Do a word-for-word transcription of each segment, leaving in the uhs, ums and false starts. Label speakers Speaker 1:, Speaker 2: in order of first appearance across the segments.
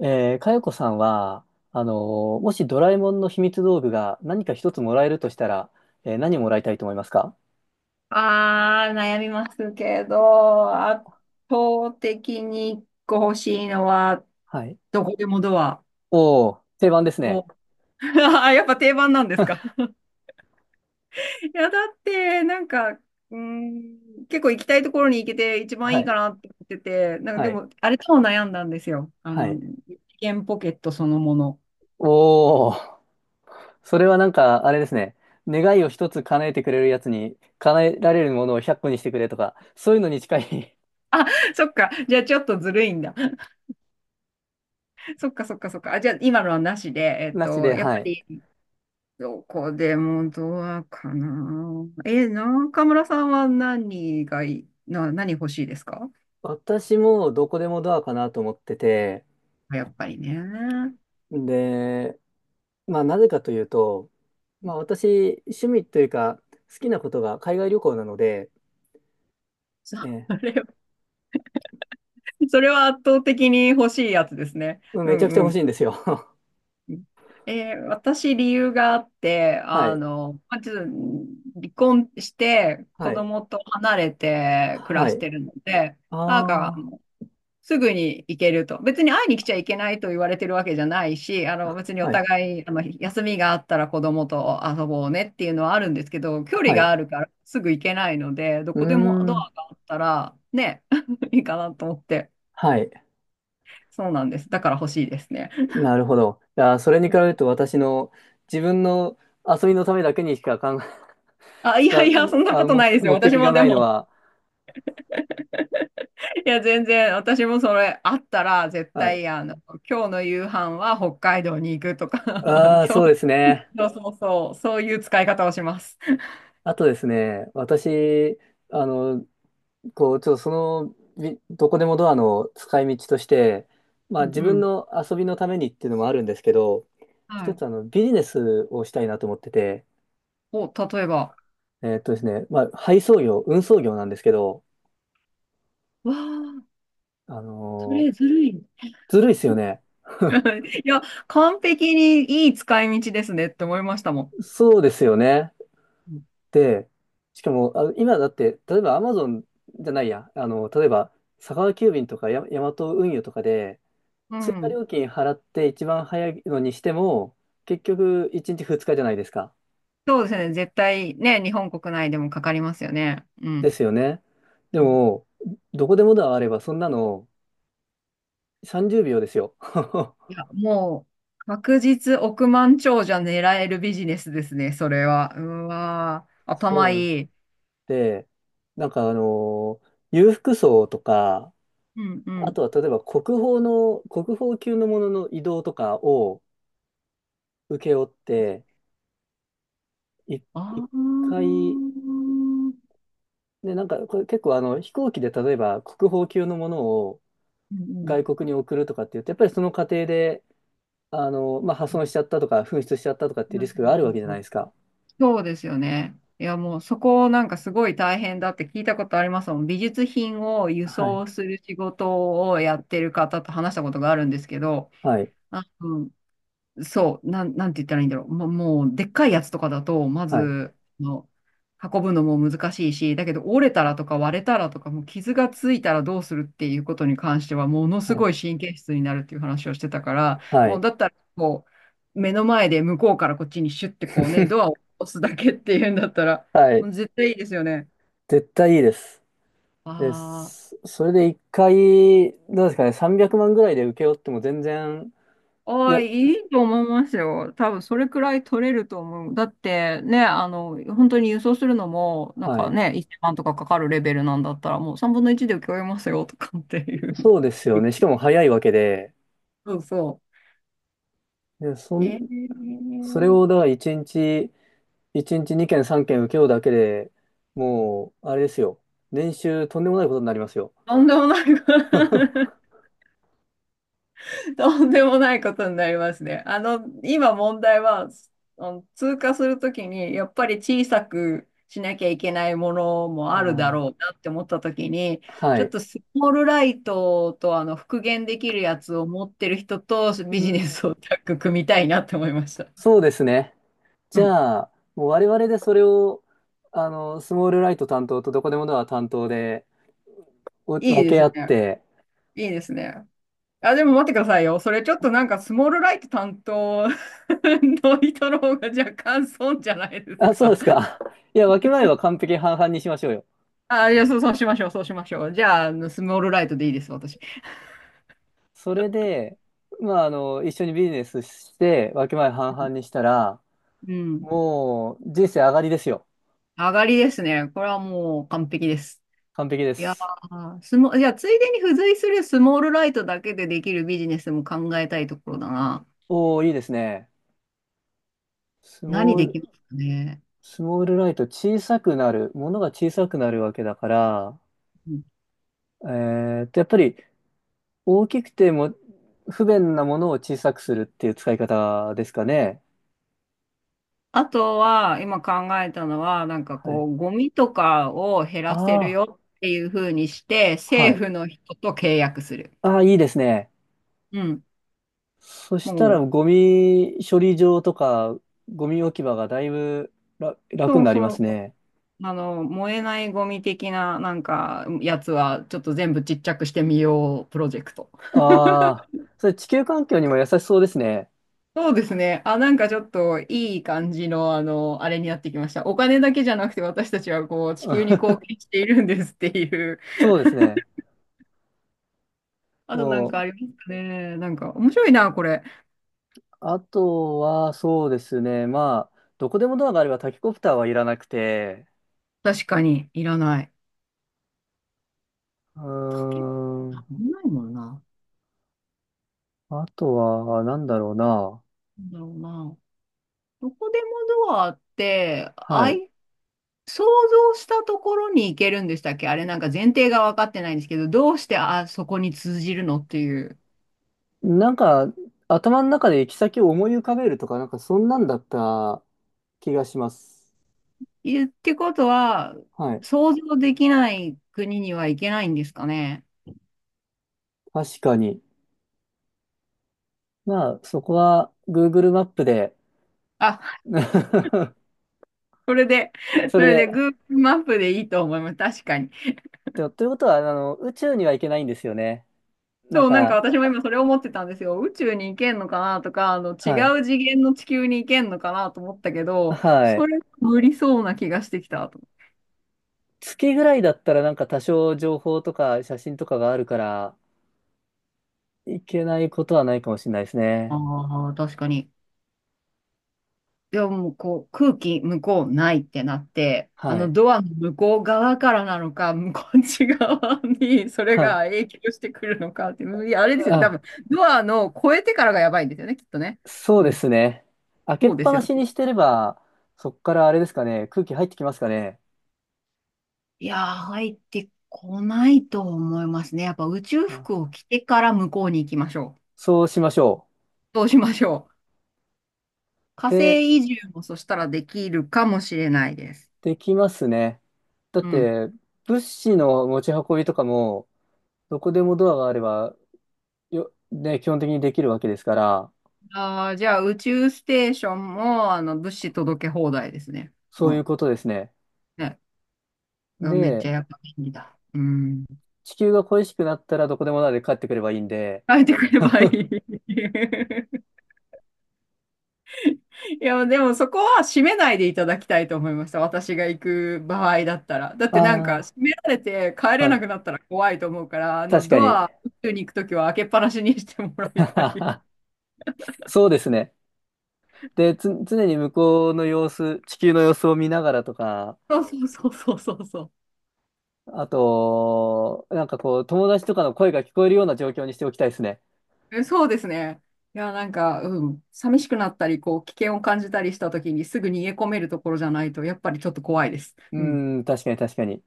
Speaker 1: えー、かよこさんは、あのーもしドラえもんの秘密道具が何か一つもらえるとしたら、えー何もらいたいと思いますか。
Speaker 2: ああ、悩みますけど、圧倒的に一個欲しいのは、
Speaker 1: はい。
Speaker 2: どこでもドア
Speaker 1: おー、定番ですね。
Speaker 2: を。あ、やっぱ定番なんですか。いや、だって、なんか、うーん、結構行きたいところに行けて一番
Speaker 1: は
Speaker 2: いい
Speaker 1: い、
Speaker 2: かなって思ってて、なんか
Speaker 1: は
Speaker 2: で
Speaker 1: い、
Speaker 2: も、あれとも悩んだんですよ。あ
Speaker 1: は
Speaker 2: の、
Speaker 1: い。
Speaker 2: 一元ポケットそのもの。
Speaker 1: おー、それはなんか、あれですね。願いを一つ叶えてくれるやつに、叶えられるものをひゃっこにしてくれとか、そういうのに近い。
Speaker 2: そっか、じゃあちょっとずるいんだ。そっかそっかそっか。あ、じゃあ今のはなしで、え っ
Speaker 1: なしで、
Speaker 2: と、やっ
Speaker 1: は
Speaker 2: ぱ
Speaker 1: い。
Speaker 2: りどこでもドアかな。え、中村さんは何がいい、な、何欲しいですか？
Speaker 1: 私もどこでもドアかなと思ってて、
Speaker 2: やっぱりね。
Speaker 1: で、まあなぜかというと、まあ私、趣味というか、好きなことが海外旅行なので、
Speaker 2: そ
Speaker 1: ええ、
Speaker 2: れは、それは圧倒的に欲しいやつですね。
Speaker 1: うん
Speaker 2: う
Speaker 1: めちゃくちゃ
Speaker 2: ん
Speaker 1: 欲し
Speaker 2: う
Speaker 1: いんですよ。
Speaker 2: ん。えー、私、理由があって、
Speaker 1: は
Speaker 2: あ
Speaker 1: い。
Speaker 2: の、まず、離婚して、
Speaker 1: は
Speaker 2: 子
Speaker 1: い。
Speaker 2: 供と離れて暮
Speaker 1: は
Speaker 2: らし
Speaker 1: い。
Speaker 2: てるので、なんか、
Speaker 1: ああ。
Speaker 2: すぐに行けると。別に会いに来ちゃいけないと言われてるわけじゃないし、あの、別にお
Speaker 1: はい。
Speaker 2: 互いまあの休みがあったら子供と遊ぼうねっていうのはあるんですけど、距離
Speaker 1: は
Speaker 2: が
Speaker 1: い。
Speaker 2: あるからすぐ行けないので、ど
Speaker 1: うー
Speaker 2: こでもド
Speaker 1: ん。
Speaker 2: アがあったらね、いいかなと思って。
Speaker 1: はい。
Speaker 2: そうなんです。だから欲しいですね。
Speaker 1: なるほど。いやー、それに比べると私の自分の遊びのためだけにしか考え、
Speaker 2: あ、い
Speaker 1: 使
Speaker 2: やいや、そ
Speaker 1: う、
Speaker 2: んな
Speaker 1: あ
Speaker 2: こ
Speaker 1: の、
Speaker 2: と
Speaker 1: 目
Speaker 2: ないですよ。
Speaker 1: 目
Speaker 2: 私
Speaker 1: 的が
Speaker 2: もで
Speaker 1: ないの
Speaker 2: も、
Speaker 1: は、
Speaker 2: いや、全然、私もそれあったら、絶
Speaker 1: はい。
Speaker 2: 対、あの、今日の夕飯は北海道に行くとか、
Speaker 1: ああ、
Speaker 2: 今
Speaker 1: そうで
Speaker 2: 日、
Speaker 1: すね。
Speaker 2: そうそうそう、そういう使い方をします。
Speaker 1: あとですね、私、あの、こう、ちょっとその、びどこでもドアの使い道として、ま
Speaker 2: う
Speaker 1: あ
Speaker 2: ん
Speaker 1: 自
Speaker 2: う
Speaker 1: 分
Speaker 2: ん、
Speaker 1: の遊びのためにっていうのもあるんですけど、
Speaker 2: は
Speaker 1: 一
Speaker 2: い。
Speaker 1: つあのビジネスをしたいなと思ってて、
Speaker 2: お、例えば。
Speaker 1: えーっとですね、まあ配送業、運送業なんですけど、
Speaker 2: わあ、
Speaker 1: あ
Speaker 2: そ
Speaker 1: の
Speaker 2: れ
Speaker 1: ー
Speaker 2: ずるい。
Speaker 1: ずるいっすよね。
Speaker 2: いや、完璧にいい使い道ですねって思いましたも
Speaker 1: そうですよね。
Speaker 2: ん。
Speaker 1: で、しかも、あの、今だって、例えばアマゾンじゃないや、あの、例えば佐川急便とかヤ、ヤマト運輸とかで、
Speaker 2: う
Speaker 1: 追
Speaker 2: ん。
Speaker 1: 加
Speaker 2: うん。
Speaker 1: 料金払って一番早いのにしても、結局いちにちふつかじゃないですか。
Speaker 2: そうですね。絶対ね、日本国内でもかかりますよね。う
Speaker 1: で
Speaker 2: ん。
Speaker 1: すよね。で
Speaker 2: うん、
Speaker 1: も、どこでもドアあれば、そんなのさんじゅうびょうですよ。
Speaker 2: いや、もう、確実億万長者狙えるビジネスですね、それは。うわー、
Speaker 1: そ
Speaker 2: 頭
Speaker 1: う
Speaker 2: いい。
Speaker 1: で、なんかあのー裕福層とか、
Speaker 2: うんう
Speaker 1: あと
Speaker 2: ん。
Speaker 1: は例えば国宝の、国宝級のものの移動とかを請け負って、い
Speaker 2: あ
Speaker 1: 一
Speaker 2: あ。う
Speaker 1: 回、
Speaker 2: んうん。
Speaker 1: ね、なんかこれ結構あの飛行機で例えば国宝級のものを
Speaker 2: うん、
Speaker 1: 外国に送るとかって言って、やっぱりその過程で、あのまあ、破損しちゃったとか、紛失しちゃったとかっていうリスクがあるわけじゃないですか。
Speaker 2: そうですよね。いや、もうそこなんかすごい大変だって聞いたことありますもん。美術品を輸
Speaker 1: はい。
Speaker 2: 送する仕事をやってる方と話したことがあるんですけど、
Speaker 1: はい。
Speaker 2: あ、うん、そう、なん、なんて言ったらいいんだろう。もう、もうでっかいやつとかだと、ま
Speaker 1: はい。
Speaker 2: ず、の、運ぶのも難しいし、だけど折れたらとか割れたらとか、もう傷がついたらどうするっていうことに関しては、ものす
Speaker 1: はい。
Speaker 2: ごい神経質になるっていう話をしてたから、
Speaker 1: は
Speaker 2: もう
Speaker 1: い。
Speaker 2: だったら、こう、目の前で向こうからこっちにシュッてこうね、ドアを 押すだけっていうんだったら、
Speaker 1: は
Speaker 2: も
Speaker 1: い。
Speaker 2: う絶対いいですよね。
Speaker 1: 絶対いいです。で
Speaker 2: ああ。
Speaker 1: す。それで一回、どうですかね、さんびゃくまんぐらいで請け負っても全然、
Speaker 2: あ
Speaker 1: い
Speaker 2: あ、
Speaker 1: や、
Speaker 2: いいと思いますよ。多分それくらい取れると思う。だってね、あの、本当に輸送するのも、なん
Speaker 1: は
Speaker 2: か
Speaker 1: い。
Speaker 2: ね、いちまんとかかかるレベルなんだったら、もうさんぶんのいちで請け負いますよとかっていう。
Speaker 1: そうですよね。し かも早いわけで、
Speaker 2: そうそ
Speaker 1: で、そ
Speaker 2: う。
Speaker 1: ん、
Speaker 2: え
Speaker 1: それ
Speaker 2: ー、
Speaker 1: をだからいちにち、いちにちにけんさんけん請け負うだけでもう、あれですよ。年収とんでもないことになりますよ。
Speaker 2: とんでもない。
Speaker 1: あ
Speaker 2: とんでもないことになりますね。あの、今問題は、あの、通過するときに、やっぱり小さくしなきゃいけないものもあるだろうなって思ったときに、
Speaker 1: ーは
Speaker 2: ちょっ
Speaker 1: い。
Speaker 2: とスモールライトと、あの、復元できるやつを持ってる人とビ
Speaker 1: う
Speaker 2: ジネ
Speaker 1: ん、
Speaker 2: スをタッグ組みたいなって思いました。
Speaker 1: そうですね。
Speaker 2: う
Speaker 1: じ
Speaker 2: ん。
Speaker 1: ゃあ、もう我々でそれを、あの、スモールライト担当とどこでもドア担当でお
Speaker 2: い
Speaker 1: 分
Speaker 2: いで
Speaker 1: け合
Speaker 2: す
Speaker 1: っ
Speaker 2: ね。
Speaker 1: て、
Speaker 2: いいですね。あ、でも待ってくださいよ。それちょっとなんかスモールライト担当 の人の方が若干損じゃないです
Speaker 1: あ、そうで
Speaker 2: か。
Speaker 1: すか。いや、分け前は完璧に半々にしましょうよ。
Speaker 2: あ、いや、そう、そうしましょう、そうしましょう。じゃあ、あの、スモールライトでいいです、私。
Speaker 1: それで、まあ、あの、一緒にビジネスして、分け前半々にしたら、
Speaker 2: うん。
Speaker 1: もう人生上がりですよ。
Speaker 2: 上がりですね。これはもう完璧です。
Speaker 1: 完璧で
Speaker 2: いや
Speaker 1: す。
Speaker 2: ー、スモ、いや、ついでに付随するスモールライトだけでできるビジネスも考えたいところだな。
Speaker 1: おー、いいですね。ス
Speaker 2: 何
Speaker 1: モー
Speaker 2: で
Speaker 1: ル、
Speaker 2: きますかね。
Speaker 1: スモールライト小さくなる、ものが小さくなるわけだから、
Speaker 2: うん、
Speaker 1: えーっと、やっぱり大きくても不便なものを小さくするっていう使い方ですかね。
Speaker 2: あとは、今考えたのは、なんか
Speaker 1: は
Speaker 2: こ
Speaker 1: い。
Speaker 2: う、ゴミとかを減
Speaker 1: あ
Speaker 2: らせる
Speaker 1: あ、
Speaker 2: よっていう風にして、
Speaker 1: は
Speaker 2: 政
Speaker 1: い。
Speaker 2: 府の人と契約する。
Speaker 1: ああ、いいですね。
Speaker 2: うん。
Speaker 1: そしたら
Speaker 2: もう、
Speaker 1: ゴミ処理場とかゴミ置き場がだいぶら楽
Speaker 2: そ
Speaker 1: に
Speaker 2: う
Speaker 1: なります
Speaker 2: そう、
Speaker 1: ね。
Speaker 2: あの、燃えないゴミ的な、なんか、やつは、ちょっと全部ちっちゃくしてみよう、プロジェクト。
Speaker 1: ああ、それ地球環境にも優しそうですね。
Speaker 2: そうですね。あ、なんかちょっと、いい感じの、あの、あれになってきました。お金だけじゃなくて、私たちは、こう、地球に貢献 しているんですっていう。
Speaker 1: そうですね。
Speaker 2: あと、なん
Speaker 1: も
Speaker 2: かあ
Speaker 1: う、
Speaker 2: りますかね。なんか、面白いな、これ。
Speaker 1: あとはそうですね。まあ、どこでもドアがあればタケコプターはいらなくて、
Speaker 2: 確かに、いらない。
Speaker 1: うー
Speaker 2: 竹、な
Speaker 1: ん、
Speaker 2: んもないもんな。
Speaker 1: あとはなんだろうな。
Speaker 2: なんだろうな。どこでもドアって、
Speaker 1: は
Speaker 2: ア
Speaker 1: い。
Speaker 2: イ想像したところに行けるんでしたっけ？あれなんか前提が分かってないんですけど、どうしてあそこに通じるのっていう。
Speaker 1: なんか、頭の中で行き先を思い浮かべるとか、なんかそんなんだった気がします。
Speaker 2: いってことは、
Speaker 1: はい。
Speaker 2: 想像できない国には行けないんですかね。
Speaker 1: 確かに。まあ、そこは Google マップで、
Speaker 2: あ、それで、
Speaker 1: そ
Speaker 2: そ
Speaker 1: れ
Speaker 2: れで
Speaker 1: で。
Speaker 2: Google マップでいいと思います。確かに。
Speaker 1: でということは、あの、宇宙には行けないんですよね。なん
Speaker 2: そう、なんか
Speaker 1: か、
Speaker 2: 私も今それ思ってたんですよ。宇宙に行けんのかなとか、あの、
Speaker 1: はい。
Speaker 2: 違う次元の地球に行けんのかなと思ったけど、
Speaker 1: はい。
Speaker 2: それ無理そうな気がしてきたと。
Speaker 1: 月ぐらいだったらなんか多少情報とか写真とかがあるから、行けないことはないかもしれないですね。
Speaker 2: ああ、確かに。でももうこう空気向こうないってなって、あ
Speaker 1: は
Speaker 2: の
Speaker 1: い。
Speaker 2: ドアの向こう側からなのか、向こっち側にそれ
Speaker 1: は
Speaker 2: が
Speaker 1: い。
Speaker 2: 影響してくるのかって、いや、あれですよね、多
Speaker 1: あ
Speaker 2: 分ドアの越えてからがやばいんですよね、きっとね。
Speaker 1: そう
Speaker 2: う
Speaker 1: で
Speaker 2: ん、
Speaker 1: すね。開けっ
Speaker 2: そうで
Speaker 1: ぱ
Speaker 2: す
Speaker 1: な
Speaker 2: よ
Speaker 1: し
Speaker 2: ね。
Speaker 1: にしてれば、そっからあれですかね、空気入ってきますかね。
Speaker 2: いやー、入ってこないと思いますね。やっぱ宇宙
Speaker 1: あ
Speaker 2: 服を着てから向こうに行きましょ
Speaker 1: そうしましょ
Speaker 2: う。そうしましょう。火
Speaker 1: う。で、
Speaker 2: 星移住もそしたらできるかもしれないです。
Speaker 1: できますね。だっ
Speaker 2: うん。
Speaker 1: て、物資の持ち運びとかも、どこでもドアがあれば、よ、ね、基本的にできるわけですから、
Speaker 2: ああ、じゃあ宇宙ステーションも、あの、物資届け放題ですね。
Speaker 1: そ
Speaker 2: う
Speaker 1: ういう
Speaker 2: ん。
Speaker 1: ことですね。
Speaker 2: ね。うわ、めっち
Speaker 1: で、
Speaker 2: ゃやっぱ便利だ。うん。
Speaker 1: 地球が恋しくなったらどこでもドアで帰ってくればいいんで、
Speaker 2: 書いてくればいい。いや、でもそこは閉めないでいただきたいと思いました。私が行く場合だったら。だってなんか、
Speaker 1: あ
Speaker 2: 閉められて帰
Speaker 1: あ、
Speaker 2: れ
Speaker 1: は
Speaker 2: なくな
Speaker 1: い
Speaker 2: ったら怖いと思うから、あの、
Speaker 1: 確か
Speaker 2: ド
Speaker 1: に。
Speaker 2: ア、宇宙に行くときは開けっぱなしにしてもらいたい。
Speaker 1: そうですね。で、つ、常に向こうの様子、地球の様子を見ながらとか、
Speaker 2: そうそうそうそうそうそう。
Speaker 1: あと、なんかこう、友達とかの声が聞こえるような状況にしておきたいですね。
Speaker 2: え、そうですね。いや、なんか、うん、寂しくなったり、こう、危険を感じたりしたときに、すぐ逃げ込めるところじゃないと、やっぱりちょっと怖いです。
Speaker 1: う
Speaker 2: うん。
Speaker 1: ん、確かに確かに。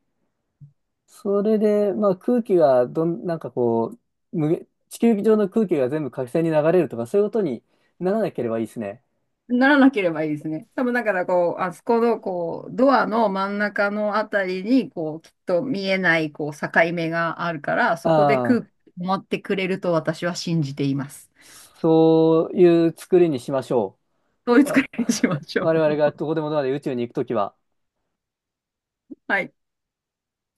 Speaker 1: それで、まあ空気がどん、なんかこう、無限地球上の空気が全部火星に流れるとか、そういうことにならなければいいですね。
Speaker 2: ならなければいいですね。多分、だから、こう、あそこの、こう、ドアの真ん中のあたりに、こう、きっと見えない、こう、境目があるから、そこで空
Speaker 1: ああ、
Speaker 2: 気を持ってくれると私は信じています。
Speaker 1: そういう作りにしましょ
Speaker 2: そういう
Speaker 1: う。
Speaker 2: 使
Speaker 1: わ
Speaker 2: いにしましょう。
Speaker 1: 我々がど こでもドアで宇宙に行くときは。
Speaker 2: はい。